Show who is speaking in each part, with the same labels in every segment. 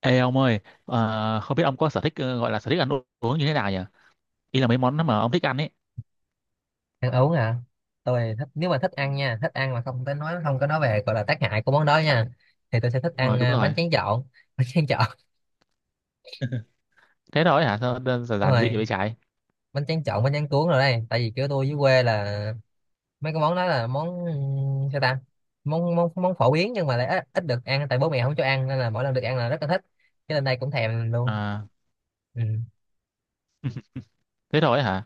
Speaker 1: Ê ông ơi, không biết ông có sở thích gọi là sở thích ăn uống như thế nào nhỉ? Ý là mấy món mà ông thích ăn ấy.
Speaker 2: Ăn uống à? Tôi thích, nếu mà thích
Speaker 1: Ừ.
Speaker 2: ăn nha, thích ăn mà không tới nói, không có nói về gọi là tác hại của món đó nha, thì tôi sẽ thích
Speaker 1: Đúng rồi,
Speaker 2: ăn
Speaker 1: đúng
Speaker 2: bánh
Speaker 1: rồi.
Speaker 2: tráng trộn. Bánh tráng trộn.
Speaker 1: Thế thôi hả? Sao đơn giản
Speaker 2: Đúng
Speaker 1: giản dị
Speaker 2: rồi,
Speaker 1: vậy trái?
Speaker 2: bánh tráng trộn, bánh tráng cuốn rồi đây. Tại vì kiểu tôi dưới quê là mấy cái món đó là món sao ta, món món món phổ biến nhưng mà lại ít được ăn, tại bố mẹ không cho ăn nên là mỗi lần được ăn là rất là thích, cho nên đây cũng thèm luôn.
Speaker 1: À,
Speaker 2: Ừ.
Speaker 1: thế thôi hả?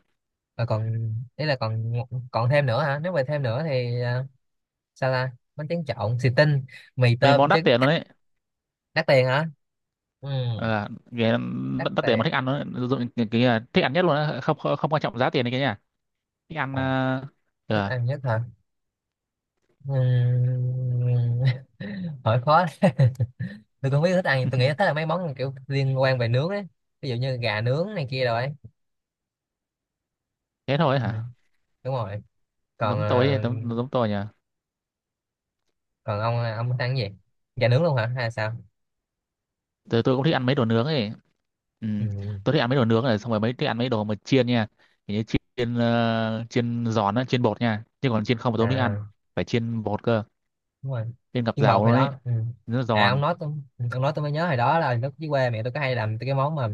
Speaker 2: Và còn ý là còn, còn thêm nữa hả? Nếu mà thêm nữa thì sao ta, bánh tráng trộn xì tinh, mì
Speaker 1: Mấy món
Speaker 2: tôm
Speaker 1: đắt
Speaker 2: trứng.
Speaker 1: tiền luôn đấy.
Speaker 2: Đắt tiền hả? Ừ.
Speaker 1: À,
Speaker 2: Đắt
Speaker 1: đắt tiền mà
Speaker 2: tiền.
Speaker 1: thích ăn nó dụng thích ăn nhất luôn á, không, không quan trọng giá tiền này kia nha. Thích ăn
Speaker 2: Ờ, thích
Speaker 1: ờ,
Speaker 2: ăn nhất hả? Ừm, hỏi khó đấy. Tôi cũng không biết thích ăn, tôi nghĩ thích là mấy món kiểu liên quan về nướng ấy, ví dụ như gà nướng này kia rồi ấy.
Speaker 1: thế thôi
Speaker 2: Ừ,
Speaker 1: hả?
Speaker 2: đúng rồi. Còn
Speaker 1: Giống tôi giống tôi nhỉ.
Speaker 2: còn ông thích ăn cái gì? Gà nướng luôn hả hay sao?
Speaker 1: Tôi cũng thích ăn mấy đồ nướng ấy. Ừ.
Speaker 2: Ừ.
Speaker 1: Tôi thích ăn mấy đồ nướng này xong rồi mấy thích ăn mấy đồ mà chiên nha. Kiểu như chiên chiên giòn á, chiên bột nha, nhưng còn chiên không mà tôi không thích ăn.
Speaker 2: À,
Speaker 1: Phải chiên bột cơ.
Speaker 2: đúng rồi.
Speaker 1: Chiên ngập
Speaker 2: Chiên bột
Speaker 1: dầu
Speaker 2: hồi
Speaker 1: luôn ấy.
Speaker 2: đó. Ừ.
Speaker 1: Nó
Speaker 2: À ông
Speaker 1: giòn.
Speaker 2: nói tôi, ông nói tôi mới nhớ hồi đó là lúc dưới quê mẹ tôi có hay làm cái món mà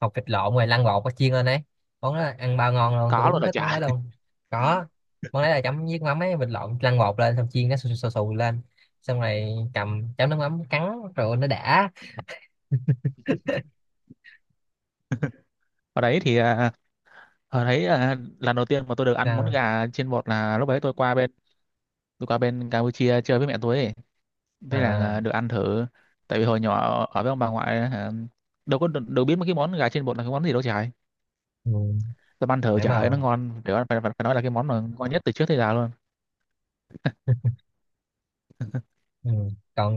Speaker 2: hột vịt lộn rồi lăn bột có chiên lên ấy. Món đó ăn bao ngon luôn, tôi
Speaker 1: Có
Speaker 2: đúng
Speaker 1: luôn là
Speaker 2: thích món
Speaker 1: chả.
Speaker 2: đó luôn. Có, món đấy là chấm với mắm ấy, vịt lộn lăn bột lên xong chiên, nó xù xù, xù lên, xong rồi cầm chấm nước mắm cắn, rồi nó đã.
Speaker 1: ở đấy thì à, Ở đấy lần đầu tiên mà tôi được ăn món
Speaker 2: À,
Speaker 1: gà chiên bột là lúc đấy tôi qua bên Campuchia chơi với mẹ tôi ấy. Thế là,
Speaker 2: à,
Speaker 1: được ăn thử. Tại vì hồi nhỏ ở với ông bà ngoại, đâu có đâu biết mấy cái món gà chiên bột là cái món gì đâu trời.
Speaker 2: ừ.
Speaker 1: Tôi ăn thử,
Speaker 2: Để
Speaker 1: trời ơi
Speaker 2: mà,
Speaker 1: nó ngon, phải, phải, phải phải nói là cái món mà ngon nhất từ trước tới giờ luôn.
Speaker 2: ừ, còn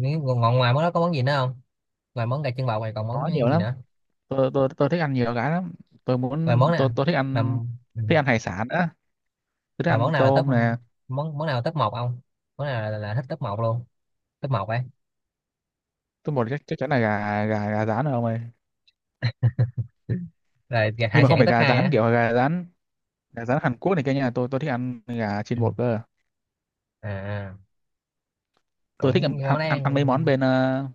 Speaker 2: nếu còn ngoài món đó có món gì nữa không? Ngoài món gà chân bò này còn món
Speaker 1: Nó nhiều
Speaker 2: gì
Speaker 1: lắm.
Speaker 2: nữa?
Speaker 1: Tôi thích ăn nhiều cái lắm.
Speaker 2: Ngoài món nè
Speaker 1: Tôi thích
Speaker 2: mà.
Speaker 1: ăn,
Speaker 2: Ừ.
Speaker 1: thích ăn hải sản á. Tôi thích
Speaker 2: Mà
Speaker 1: ăn
Speaker 2: món nào là top,
Speaker 1: tôm nè.
Speaker 2: món món nào là top một, ông? Món nào là thích top một luôn, top một ấy?
Speaker 1: Tôi một, chắc chắc chắn là gà gà gà rán rồi ông ơi.
Speaker 2: Rồi
Speaker 1: Nhưng
Speaker 2: hải
Speaker 1: mà không
Speaker 2: sản
Speaker 1: phải
Speaker 2: top
Speaker 1: gà
Speaker 2: hai
Speaker 1: rán
Speaker 2: á?
Speaker 1: kiểu gà rán, gà rán Hàn Quốc này kia nha. Tôi thích ăn gà
Speaker 2: Ừ.
Speaker 1: chiên bột cơ.
Speaker 2: À à,
Speaker 1: Tôi thích ăn
Speaker 2: cũng món
Speaker 1: ăn,
Speaker 2: đấy
Speaker 1: ăn, ăn mấy
Speaker 2: ăn.
Speaker 1: món bên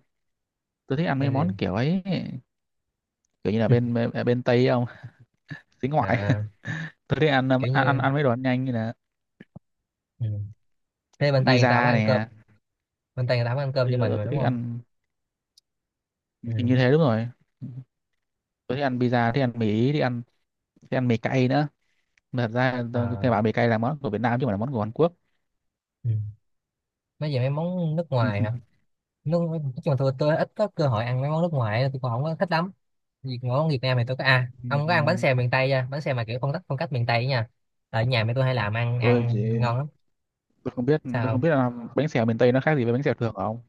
Speaker 1: tôi thích ăn mấy
Speaker 2: Nên gì?
Speaker 1: món kiểu ấy. Kiểu như là bên bên, bên Tây không. Xính ngoại.
Speaker 2: À,
Speaker 1: Tôi thích ăn
Speaker 2: kiểu như,
Speaker 1: ăn mấy đồ ăn nhanh như là
Speaker 2: ừ. Thế bên Tây người ta không
Speaker 1: pizza
Speaker 2: ăn cơm,
Speaker 1: nè.
Speaker 2: bên Tây người ta không ăn cơm như
Speaker 1: tôi,
Speaker 2: mình
Speaker 1: tôi
Speaker 2: mà đúng
Speaker 1: thích
Speaker 2: không?
Speaker 1: ăn.
Speaker 2: Ừ.
Speaker 1: Thì như thế đúng rồi. Tôi thích ăn pizza, thích ăn mì ý, thích ăn, thích ăn mì cay nữa. Mà thật ra tôi cái bảo
Speaker 2: À.
Speaker 1: mì cay là món của Việt Nam chứ không phải là món của Hàn Quốc.
Speaker 2: Ừ. Mấy về mấy món nước ngoài hả? Nước nói chung là tôi ít có cơ hội ăn mấy món nước ngoài, tôi còn không có thích lắm. Vì món Việt Nam thì tôi có, à ông có ăn
Speaker 1: Ừm,
Speaker 2: bánh xèo miền Tây chưa, bánh xèo mà kiểu phong cách, phong cách miền Tây ấy nha? Ở nhà mẹ tôi hay làm, ăn
Speaker 1: tôi
Speaker 2: ăn
Speaker 1: chỉ
Speaker 2: ngon lắm.
Speaker 1: tôi không
Speaker 2: Sao,
Speaker 1: biết là bánh xèo miền Tây nó khác gì với bánh xèo thường không.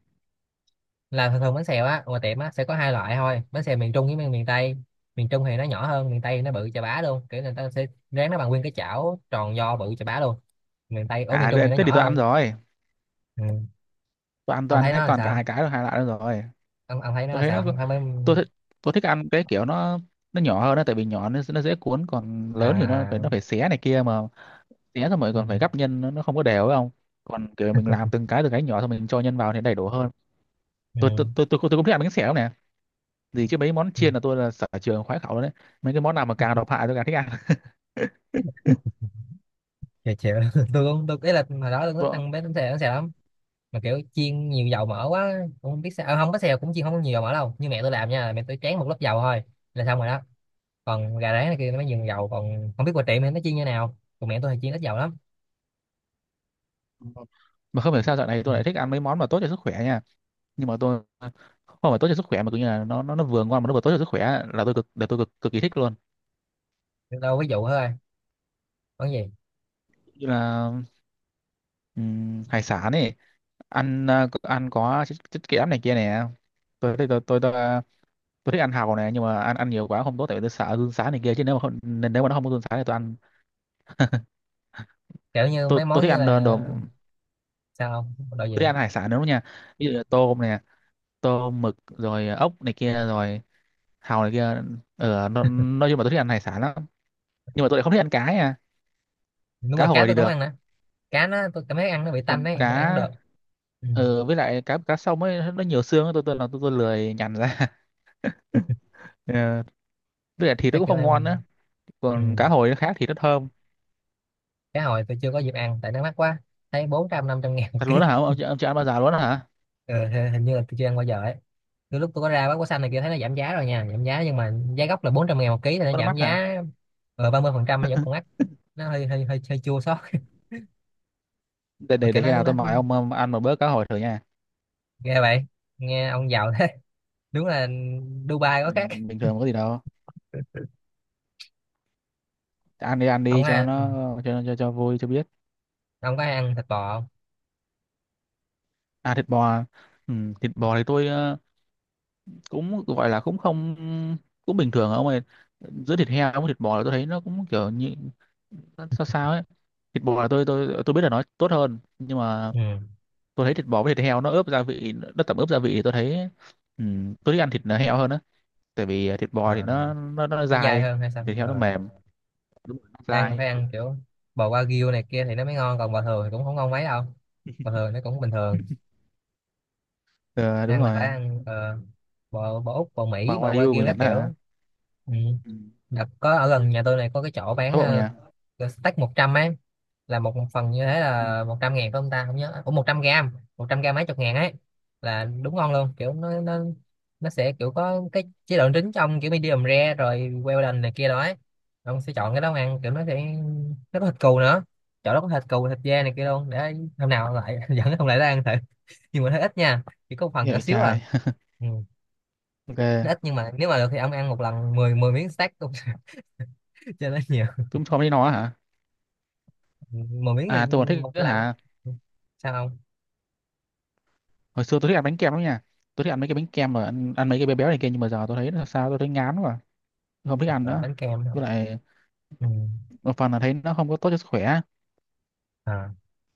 Speaker 2: là thường thường bánh xèo á, ngoài tiệm á sẽ có hai loại thôi, bánh xèo miền Trung với miền miền Tây. Miền Trung thì nó nhỏ hơn, miền Tây thì nó bự chà bá luôn, kiểu người ta sẽ rán nó bằng nguyên cái chảo tròn do bự chà bá luôn. Miền Tây, ở miền Trung
Speaker 1: Thế
Speaker 2: thì nó
Speaker 1: Thế thì
Speaker 2: nhỏ
Speaker 1: tôi ăn
Speaker 2: hơn.
Speaker 1: rồi.
Speaker 2: Ừ.
Speaker 1: Tôi ăn
Speaker 2: Ông
Speaker 1: toàn
Speaker 2: thấy
Speaker 1: hết,
Speaker 2: nó là
Speaker 1: toàn cả hai
Speaker 2: sao?
Speaker 1: cái rồi, hai loại đó rồi.
Speaker 2: Ông thấy nó
Speaker 1: Tôi
Speaker 2: là
Speaker 1: thấy
Speaker 2: sao,
Speaker 1: nó có-
Speaker 2: ông thấy mấy?
Speaker 1: tôi thích tôi thích ăn cái kiểu nó nhỏ hơn đó. Tại vì nhỏ, nó dễ cuốn. Còn
Speaker 2: À
Speaker 1: lớn thì
Speaker 2: à,
Speaker 1: nó phải xé này kia mà, xé xong rồi còn phải gắp
Speaker 2: ừ.
Speaker 1: nhân, nó không có đều phải không. Còn kiểu mình làm từng cái, từng cái nhỏ xong mình cho nhân vào thì đầy đủ hơn.
Speaker 2: Ừ.
Speaker 1: Tôi cũng thích ăn bánh xèo lắm nè. Gì chứ mấy món
Speaker 2: Ừ.
Speaker 1: chiên là tôi là sở trường khoái khẩu đấy. Mấy cái món nào mà càng độc hại tôi càng thích ăn.
Speaker 2: Chịu chịu. Tôi cũng tôi ý là hồi đó tôi thích
Speaker 1: tôi,
Speaker 2: ăn bánh xèo, bánh xèo lắm mà kiểu chiên nhiều dầu mỡ quá, cũng không biết sao, không bánh xèo cũng chiên không có nhiều dầu mỡ đâu, như mẹ tôi làm nha, mẹ tôi tráng một lớp dầu thôi là xong rồi đó. Còn gà rán này kia nó mới dùng dầu, còn không biết qua tiệm thì nó chiên như nào, còn mẹ tôi thì chiên ít dầu lắm.
Speaker 1: mà không hiểu sao dạo này
Speaker 2: Ừ.
Speaker 1: tôi lại thích ăn mấy món mà tốt cho sức khỏe nha. Nhưng mà tôi không phải tốt cho sức khỏe mà cứ như là nó vừa ngon mà nó vừa tốt cho sức khỏe là tôi cực cực kỳ thích luôn.
Speaker 2: Đâu, ví dụ thôi, món gì?
Speaker 1: Như là hải sản ấy. Ăn có chất kẽm này kia nè. tôi tôi tôi tôi, tôi, à, tôi thích ăn hàu này, nhưng mà ăn ăn nhiều quá không tốt tại vì tôi sợ run sán này kia chứ nếu mà không, nên nếu mà nó không có run sán thì tôi ăn.
Speaker 2: Kiểu như
Speaker 1: tôi
Speaker 2: mấy
Speaker 1: tôi
Speaker 2: món
Speaker 1: thích
Speaker 2: như
Speaker 1: ăn đồ
Speaker 2: là.
Speaker 1: đồ.
Speaker 2: Sao không, đồ
Speaker 1: Tôi
Speaker 2: gì?
Speaker 1: đi ăn hải sản đúng không nha. Ví dụ như tôm này, tôm mực rồi ốc này kia rồi hàu này kia. Nói chung là tôi thích ăn hải sản lắm, nhưng mà tôi lại không thích ăn cá nha.
Speaker 2: Đúng
Speaker 1: Cá
Speaker 2: rồi, cá
Speaker 1: hồi thì
Speaker 2: tôi cũng
Speaker 1: được.
Speaker 2: ăn nè, cá nó tôi cảm thấy ăn nó bị tanh
Speaker 1: Còn
Speaker 2: ấy, tôi ăn không
Speaker 1: cá
Speaker 2: được. Ừ.
Speaker 1: ờ với lại cá cá sông ấy nó nhiều xương ấy. Tôi lười nhằn ra. Ờ, với lại thịt nó
Speaker 2: Mấy
Speaker 1: cũng
Speaker 2: kiểu
Speaker 1: không ngon
Speaker 2: ăn.
Speaker 1: nữa.
Speaker 2: Ừ.
Speaker 1: Còn cá hồi nó khác thì nó thơm.
Speaker 2: Cá hồi tôi chưa có dịp ăn tại nó mắc quá, thấy 400 500 ngàn một
Speaker 1: Thật
Speaker 2: ký.
Speaker 1: luôn đó hả ông, ông chưa ăn bao giờ luôn đó hả?
Speaker 2: Ừ, hình hình như là tôi chưa ăn bao giờ ấy. Từ lúc tôi có ra bán quả xanh này kia thấy nó giảm giá rồi nha, giảm giá nhưng mà giá gốc là 400 ngàn một ký, thì nó
Speaker 1: Bắt
Speaker 2: giảm
Speaker 1: mắt hả?
Speaker 2: giá 30%, nó vẫn còn mắc, nó hơi hơi hơi hơi chua xót. Mà kiểu
Speaker 1: Để khi nào
Speaker 2: nó
Speaker 1: tôi mời ông ăn một bữa cá hồi thử nha.
Speaker 2: ghê vậy, nghe ông giàu thế. Đúng là Dubai có khác.
Speaker 1: Bình thường có gì đâu. Ăn đi, ăn
Speaker 2: Ông
Speaker 1: đi cho
Speaker 2: à, ừ.
Speaker 1: nó, cho vui cho biết.
Speaker 2: Ông có hay ăn thịt bò không?
Speaker 1: À thịt bò à? Ừ, thịt bò thì tôi cũng gọi là cũng không, cũng bình thường ông ơi. Giữa thịt heo với thịt bò là tôi thấy nó cũng kiểu như nó sao sao ấy. Thịt bò là tôi biết là nó tốt hơn, nhưng mà
Speaker 2: Ừ.
Speaker 1: tôi thấy thịt bò với thịt heo nó ướp gia vị, nó tẩm ướp gia vị thì tôi thấy, ừ, tôi thích ăn thịt heo hơn á. Tại vì thịt bò thì
Speaker 2: À,
Speaker 1: nó
Speaker 2: nó dai
Speaker 1: dai.
Speaker 2: hơn hay sao?
Speaker 1: Thịt heo nó
Speaker 2: Ờ.
Speaker 1: mềm. Đúng rồi, nó
Speaker 2: Ăn
Speaker 1: dai.
Speaker 2: phải ăn kiểu bò wagyu này kia thì nó mới ngon, còn bò thường thì cũng không ngon mấy đâu, bò thường nó cũng bình thường.
Speaker 1: Ờ đúng
Speaker 2: Ăn là phải
Speaker 1: rồi.
Speaker 2: ăn bò, bò Úc, bò
Speaker 1: Mà
Speaker 2: Mỹ, bò
Speaker 1: Wagyu của
Speaker 2: wagyu các
Speaker 1: Nhật đó hả?
Speaker 2: kiểu. Ừ.
Speaker 1: Ừ.
Speaker 2: Đợt có ở gần nhà tôi này có cái chỗ bán,
Speaker 1: Thái Bộ nhà.
Speaker 2: steak 100 ấy, là một phần như thế
Speaker 1: Ừ.
Speaker 2: là 100 ngàn phải không ta, không nhớ, ủa 100 gram, 100 gram mấy chục ngàn ấy, là đúng ngon luôn, kiểu nó sẽ kiểu có cái chế độ trứng trong kiểu medium rare rồi Wellington này kia đó ấy. Ông sẽ chọn cái đó ăn kiểu nó sẽ, nó có thịt cừu nữa, chỗ đó có thịt cừu, thịt dê này kia luôn, để hôm nào lại dẫn ông lại đó ăn thử. Nhưng mà nó ít nha, chỉ có một phần
Speaker 1: Nghe
Speaker 2: nhỏ
Speaker 1: vậy
Speaker 2: xíu à.
Speaker 1: trai.
Speaker 2: Ừ.
Speaker 1: Ok.
Speaker 2: Nó ít nhưng mà nếu mà được thì ông ăn một lần mười mười miếng stack cũng cho nó nhiều.
Speaker 1: Chúng không thấy nó hả.
Speaker 2: 10 miếng thì
Speaker 1: À tôi còn thích
Speaker 2: một
Speaker 1: nữa
Speaker 2: lần,
Speaker 1: hả.
Speaker 2: sao không.
Speaker 1: Hồi xưa tôi thích ăn bánh kem lắm nha. Tôi thích ăn mấy cái bánh kem mà ăn mấy cái bé béo này kia, nhưng mà giờ tôi thấy là sao tôi thấy ngán quá. Tôi không thích ăn
Speaker 2: À,
Speaker 1: nữa.
Speaker 2: bánh kem hả?
Speaker 1: Với lại
Speaker 2: Ừ.
Speaker 1: một phần là thấy nó không có tốt cho sức khỏe.
Speaker 2: À,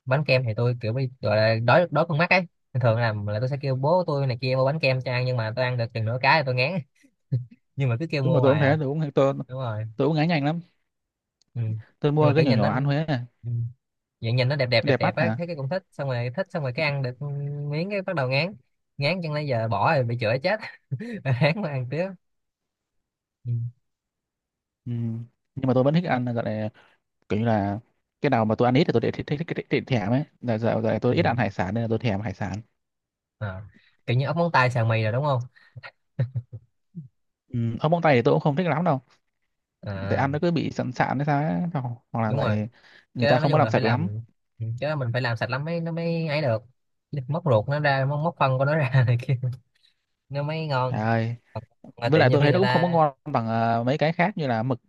Speaker 2: bánh kem thì tôi kiểu bị gọi là đói đói con mắt ấy, nên thường làm là tôi sẽ kêu bố tôi này kia mua bánh kem cho ăn nhưng mà tôi ăn được chừng nửa cái thì tôi ngán. Nhưng mà cứ kêu
Speaker 1: Đúng mà
Speaker 2: mua
Speaker 1: tôi cũng
Speaker 2: hoài
Speaker 1: thế,
Speaker 2: à. Đúng rồi.
Speaker 1: tôi cũng ngán nhanh lắm.
Speaker 2: Ừ.
Speaker 1: Tôi
Speaker 2: Nhưng mà
Speaker 1: mua cái
Speaker 2: kiểu
Speaker 1: nhỏ
Speaker 2: nhìn
Speaker 1: nhỏ
Speaker 2: nó,
Speaker 1: ăn Huế này,
Speaker 2: ừ, vậy nhìn nó đẹp đẹp đẹp
Speaker 1: đẹp
Speaker 2: đẹp
Speaker 1: mắt
Speaker 2: á,
Speaker 1: hả.
Speaker 2: thấy cái cũng thích, xong rồi thích, xong rồi cái ăn được miếng cái bắt đầu ngán. Ngán chẳng lẽ giờ bỏ rồi bị chửi chết, ngán mà ăn tiếp. Ừ.
Speaker 1: Ừ. Nhưng mà tôi vẫn thích ăn, gọi là kiểu như là cái nào mà tôi ăn ít thì tôi để thích thích, thích, thích, thích thèm ấy. Là giờ, tôi ít
Speaker 2: Ừ.
Speaker 1: ăn hải sản nên là tôi thèm hải sản.
Speaker 2: À. Kiểu như ốc móng tay xào mì rồi đúng không?
Speaker 1: Ừ. Ở móng tay thì tôi cũng không thích lắm đâu. Để
Speaker 2: À,
Speaker 1: ăn nó cứ bị sẵn sạn hay sao ấy. Hoặc Hoặc là
Speaker 2: đúng rồi.
Speaker 1: lại người
Speaker 2: Cái
Speaker 1: ta
Speaker 2: đó nói
Speaker 1: không có
Speaker 2: chung
Speaker 1: làm
Speaker 2: là phải
Speaker 1: sạch lắm.
Speaker 2: làm, ừ, cái đó mình phải làm sạch lắm mới nó mới ấy được, móc ruột nó ra, móc phân của nó ra này kia, nó mới
Speaker 1: Trời
Speaker 2: ngon.
Speaker 1: ơi.
Speaker 2: Còn ngoài
Speaker 1: Với
Speaker 2: tiệm
Speaker 1: lại
Speaker 2: nhiều
Speaker 1: tôi
Speaker 2: khi
Speaker 1: thấy nó
Speaker 2: người
Speaker 1: cũng không có
Speaker 2: ta.
Speaker 1: ngon bằng mấy cái khác như là mực.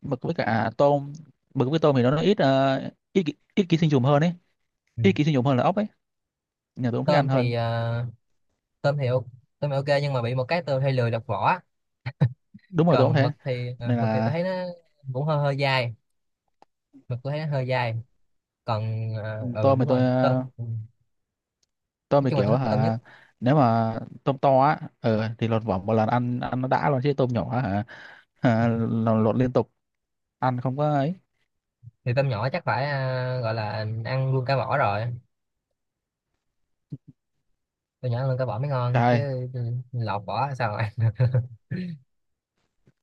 Speaker 1: Mực với cả tôm. Mực với tôm thì nó ít ký sinh trùng hơn ấy.
Speaker 2: Ừ,
Speaker 1: Ít ký sinh trùng hơn là ốc ấy. Nhà tôi cũng thích ăn
Speaker 2: tôm
Speaker 1: hơn.
Speaker 2: thì tôm thì ok- tôm thì ok nhưng mà bị một cái tôi hay lười lọc vỏ.
Speaker 1: Đúng rồi, tôi cũng
Speaker 2: Còn
Speaker 1: thế
Speaker 2: mực thì
Speaker 1: nên
Speaker 2: mực thì
Speaker 1: là,
Speaker 2: tôi thấy nó cũng hơi hơi dai, mực tôi thấy nó hơi dai. Còn
Speaker 1: ừ,
Speaker 2: ừ
Speaker 1: tôm thì
Speaker 2: đúng
Speaker 1: tôi
Speaker 2: rồi tôm, ừ,
Speaker 1: tôm
Speaker 2: nói
Speaker 1: thì
Speaker 2: chung là
Speaker 1: kiểu
Speaker 2: tôi thích tôm nhất.
Speaker 1: hả. Nếu mà tôm to á thì lột vỏ một lần, ăn ăn nó đã luôn. Chứ tôm nhỏ á, hả, hả, lột liên tục ăn không có ấy.
Speaker 2: Thì tôm nhỏ chắc phải gọi là ăn luôn cả vỏ rồi, tôm nhỏ ăn luôn cả vỏ mới ngon
Speaker 1: Trời
Speaker 2: chứ. Ừ, lọc vỏ sao mà ăn.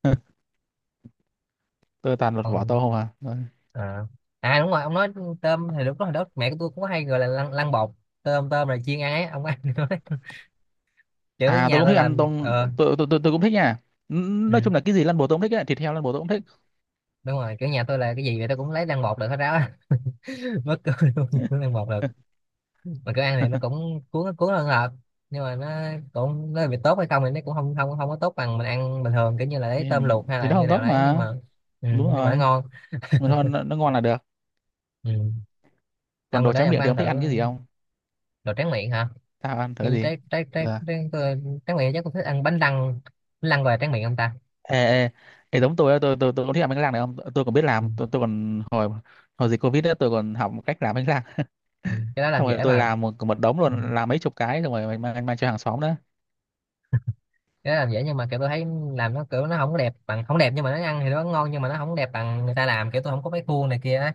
Speaker 1: ơi, tôi toàn lột vỏ
Speaker 2: Còn
Speaker 1: tôm không à. Rồi.
Speaker 2: à, à đúng rồi ông nói tôm thì đúng, hồi đó mẹ của tôi cũng có hay gọi là lăn bột tôm, tôm là chiên ăn ấy, ông có ăn được không? Kiểu
Speaker 1: À tôi
Speaker 2: nhà
Speaker 1: cũng
Speaker 2: tôi
Speaker 1: thích
Speaker 2: là
Speaker 1: ăn tôm,
Speaker 2: ờ,
Speaker 1: tôi cũng thích nha. Nói
Speaker 2: ừ,
Speaker 1: chung là cái gì lăn bồ tôi cũng thích ấy. Thịt heo lăn bồ tôi cũng thích.
Speaker 2: đúng rồi, kiểu nhà tôi là cái gì vậy tôi cũng lấy lăn bột được hết ráo á. mất cười luôn, cũng lăn bột được. Mà kiểu ăn thì nó cũng cuốn cuốn hơn hợp nhưng mà nó cũng, nó bị tốt hay không thì nó cũng không không không có tốt bằng mình ăn bình thường, kiểu như là
Speaker 1: thì,
Speaker 2: lấy tôm luộc hay
Speaker 1: thì
Speaker 2: là
Speaker 1: nó
Speaker 2: như
Speaker 1: không
Speaker 2: nào
Speaker 1: tốt
Speaker 2: đấy nhưng
Speaker 1: mà.
Speaker 2: mà ừ,
Speaker 1: Đúng
Speaker 2: nhưng mà nó
Speaker 1: rồi.
Speaker 2: ngon.
Speaker 1: Mà thôi, nó ngon là được.
Speaker 2: Ừ.
Speaker 1: Còn
Speaker 2: Ông
Speaker 1: đồ
Speaker 2: đó
Speaker 1: tráng
Speaker 2: ông
Speaker 1: miệng
Speaker 2: có
Speaker 1: thì
Speaker 2: ăn
Speaker 1: ông
Speaker 2: thử,
Speaker 1: thích ăn cái gì không?
Speaker 2: đồ tráng miệng hả?
Speaker 1: Tao ăn
Speaker 2: Thì
Speaker 1: thử gì.
Speaker 2: trái trái trái
Speaker 1: Ờ.
Speaker 2: trái, trái, trái miệng, chắc cũng thích ăn bánh lăng, bánh lăng gọi là miệng không ta?
Speaker 1: Ê, ê. Ê giống tôi á, tôi cũng thích ăn bánh rang này. Không tôi còn biết
Speaker 2: Ừ.
Speaker 1: làm. Tôi còn hồi, hồi dịch covid đó tôi còn học một cách làm bánh răng.
Speaker 2: Ừ, cái đó làm
Speaker 1: Xong rồi
Speaker 2: dễ
Speaker 1: tôi
Speaker 2: mà.
Speaker 1: làm một một đống
Speaker 2: Ừ,
Speaker 1: luôn, làm mấy chục cái xong rồi mang mang cho hàng xóm đó.
Speaker 2: cái đó làm dễ nhưng mà kiểu tôi thấy làm nó kiểu nó không có đẹp bằng, không đẹp nhưng mà nó ăn thì nó ngon, nhưng mà nó không đẹp bằng người ta làm, kiểu tôi không có cái khuôn này kia á,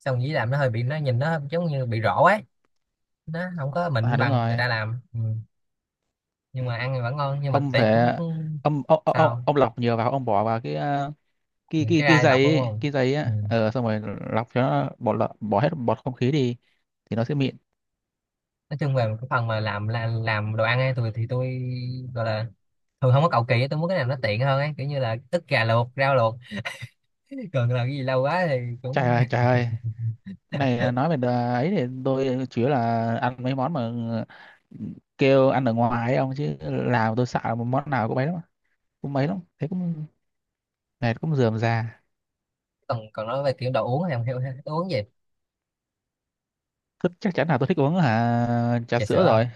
Speaker 2: xong dĩ làm nó hơi bị nó nhìn nó giống như bị rỗ ấy, nó không có
Speaker 1: À
Speaker 2: mịn
Speaker 1: đúng
Speaker 2: bằng người
Speaker 1: rồi.
Speaker 2: ta làm. Ừ. Nhưng
Speaker 1: Ừ.
Speaker 2: mà ăn thì vẫn ngon, nhưng mà
Speaker 1: Ông
Speaker 2: tỷ
Speaker 1: phải,
Speaker 2: cũng, cũng. Sao,
Speaker 1: ông lọc nhiều vào, ông bỏ vào cái
Speaker 2: những cái
Speaker 1: cái
Speaker 2: gai lọc đúng
Speaker 1: giấy ấy,
Speaker 2: không?
Speaker 1: cái giấy
Speaker 2: Ừ.
Speaker 1: á xong rồi lọc cho nó, bỏ hết bọt không khí đi thì nó sẽ mịn.
Speaker 2: Nói chung về cái phần mà làm là làm đồ ăn ấy, tôi thì tôi gọi là thường không có cầu kỳ á, tôi muốn cái nào nó tiện hơn ấy, kiểu như là ức gà luộc, rau luộc, còn là cái gì lâu quá thì
Speaker 1: Trời
Speaker 2: cũng.
Speaker 1: ơi, trời ơi. Này nói về ấy thì tôi chủ yếu là ăn mấy món mà kêu ăn ở ngoài ấy ông. Chứ làm tôi sợ, một món nào cũng mấy lắm, cũng mấy lắm thế cũng mệt cũng rườm rà.
Speaker 2: Còn còn nói về kiểu đồ uống thì không hiểu ha, tôi uống gì.
Speaker 1: Chắc chắn là tôi thích uống hả trà
Speaker 2: Trà sữa
Speaker 1: sữa
Speaker 2: à?
Speaker 1: rồi.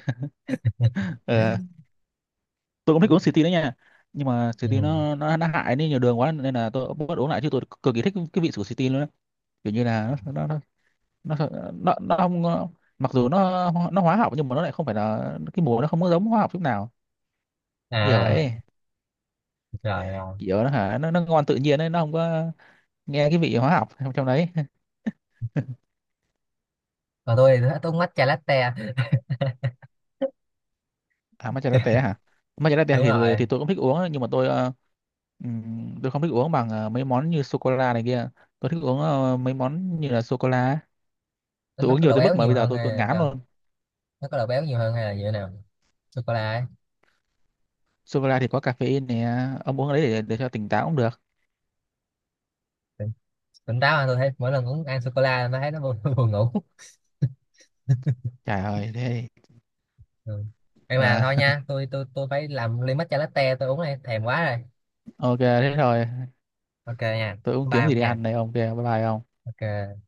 Speaker 1: Ờ, tôi cũng thích uống Sweetie đấy nha. Nhưng mà Sweetie
Speaker 2: Ừ.
Speaker 1: nó hại đi nhiều đường quá nên là tôi cũng bắt uống lại. Chứ tôi cực kỳ thích cái vị của Sweetie luôn á. Kiểu như là nó nó không. Mặc dù nó hóa học nhưng mà nó lại không phải là, cái mùi nó không có giống hóa học chút nào. Kiểu
Speaker 2: À,
Speaker 1: vậy.
Speaker 2: rồi rồi.
Speaker 1: Kiểu nó hả, nó ngon tự nhiên ấy, nó không có nghe cái vị hóa học trong trong đấy.
Speaker 2: Còn tôi thì tôi uống matcha latte à.
Speaker 1: À matcha latte hả. Matcha latte
Speaker 2: Đúng
Speaker 1: thì
Speaker 2: rồi,
Speaker 1: thì tôi cũng thích uống ấy, nhưng mà tôi tôi không thích uống bằng mấy món như sô cô la này kia. Tôi thích uống mấy món như là sô cô la.
Speaker 2: nó
Speaker 1: Tôi
Speaker 2: nó
Speaker 1: uống
Speaker 2: có
Speaker 1: nhiều
Speaker 2: độ
Speaker 1: tới mức
Speaker 2: béo
Speaker 1: mà
Speaker 2: nhiều
Speaker 1: bây giờ
Speaker 2: hơn hay
Speaker 1: tôi
Speaker 2: là
Speaker 1: ngán
Speaker 2: sao,
Speaker 1: luôn.
Speaker 2: nó có độ béo nhiều hơn hay là như thế nào, sô cô la ấy?
Speaker 1: Sô cô la thì có caffeine nè, ông uống cái đấy để cho tỉnh táo cũng được.
Speaker 2: Tỉnh, tỉnh táo mà tôi thấy mỗi lần uống ăn sô cô la nó thấy nó buồn, buồn ngủ.
Speaker 1: Trời ơi thế.
Speaker 2: Ừ. Ê mà
Speaker 1: À,
Speaker 2: thôi nha, tôi phải làm ly matcha latte tôi uống đây, thèm quá rồi.
Speaker 1: ok thế thôi.
Speaker 2: Ok nha.
Speaker 1: Tôi cũng
Speaker 2: Bye
Speaker 1: kiếm gì
Speaker 2: ông
Speaker 1: để
Speaker 2: nha.
Speaker 1: ăn đây ông. Kia bye bye ông.
Speaker 2: Ok.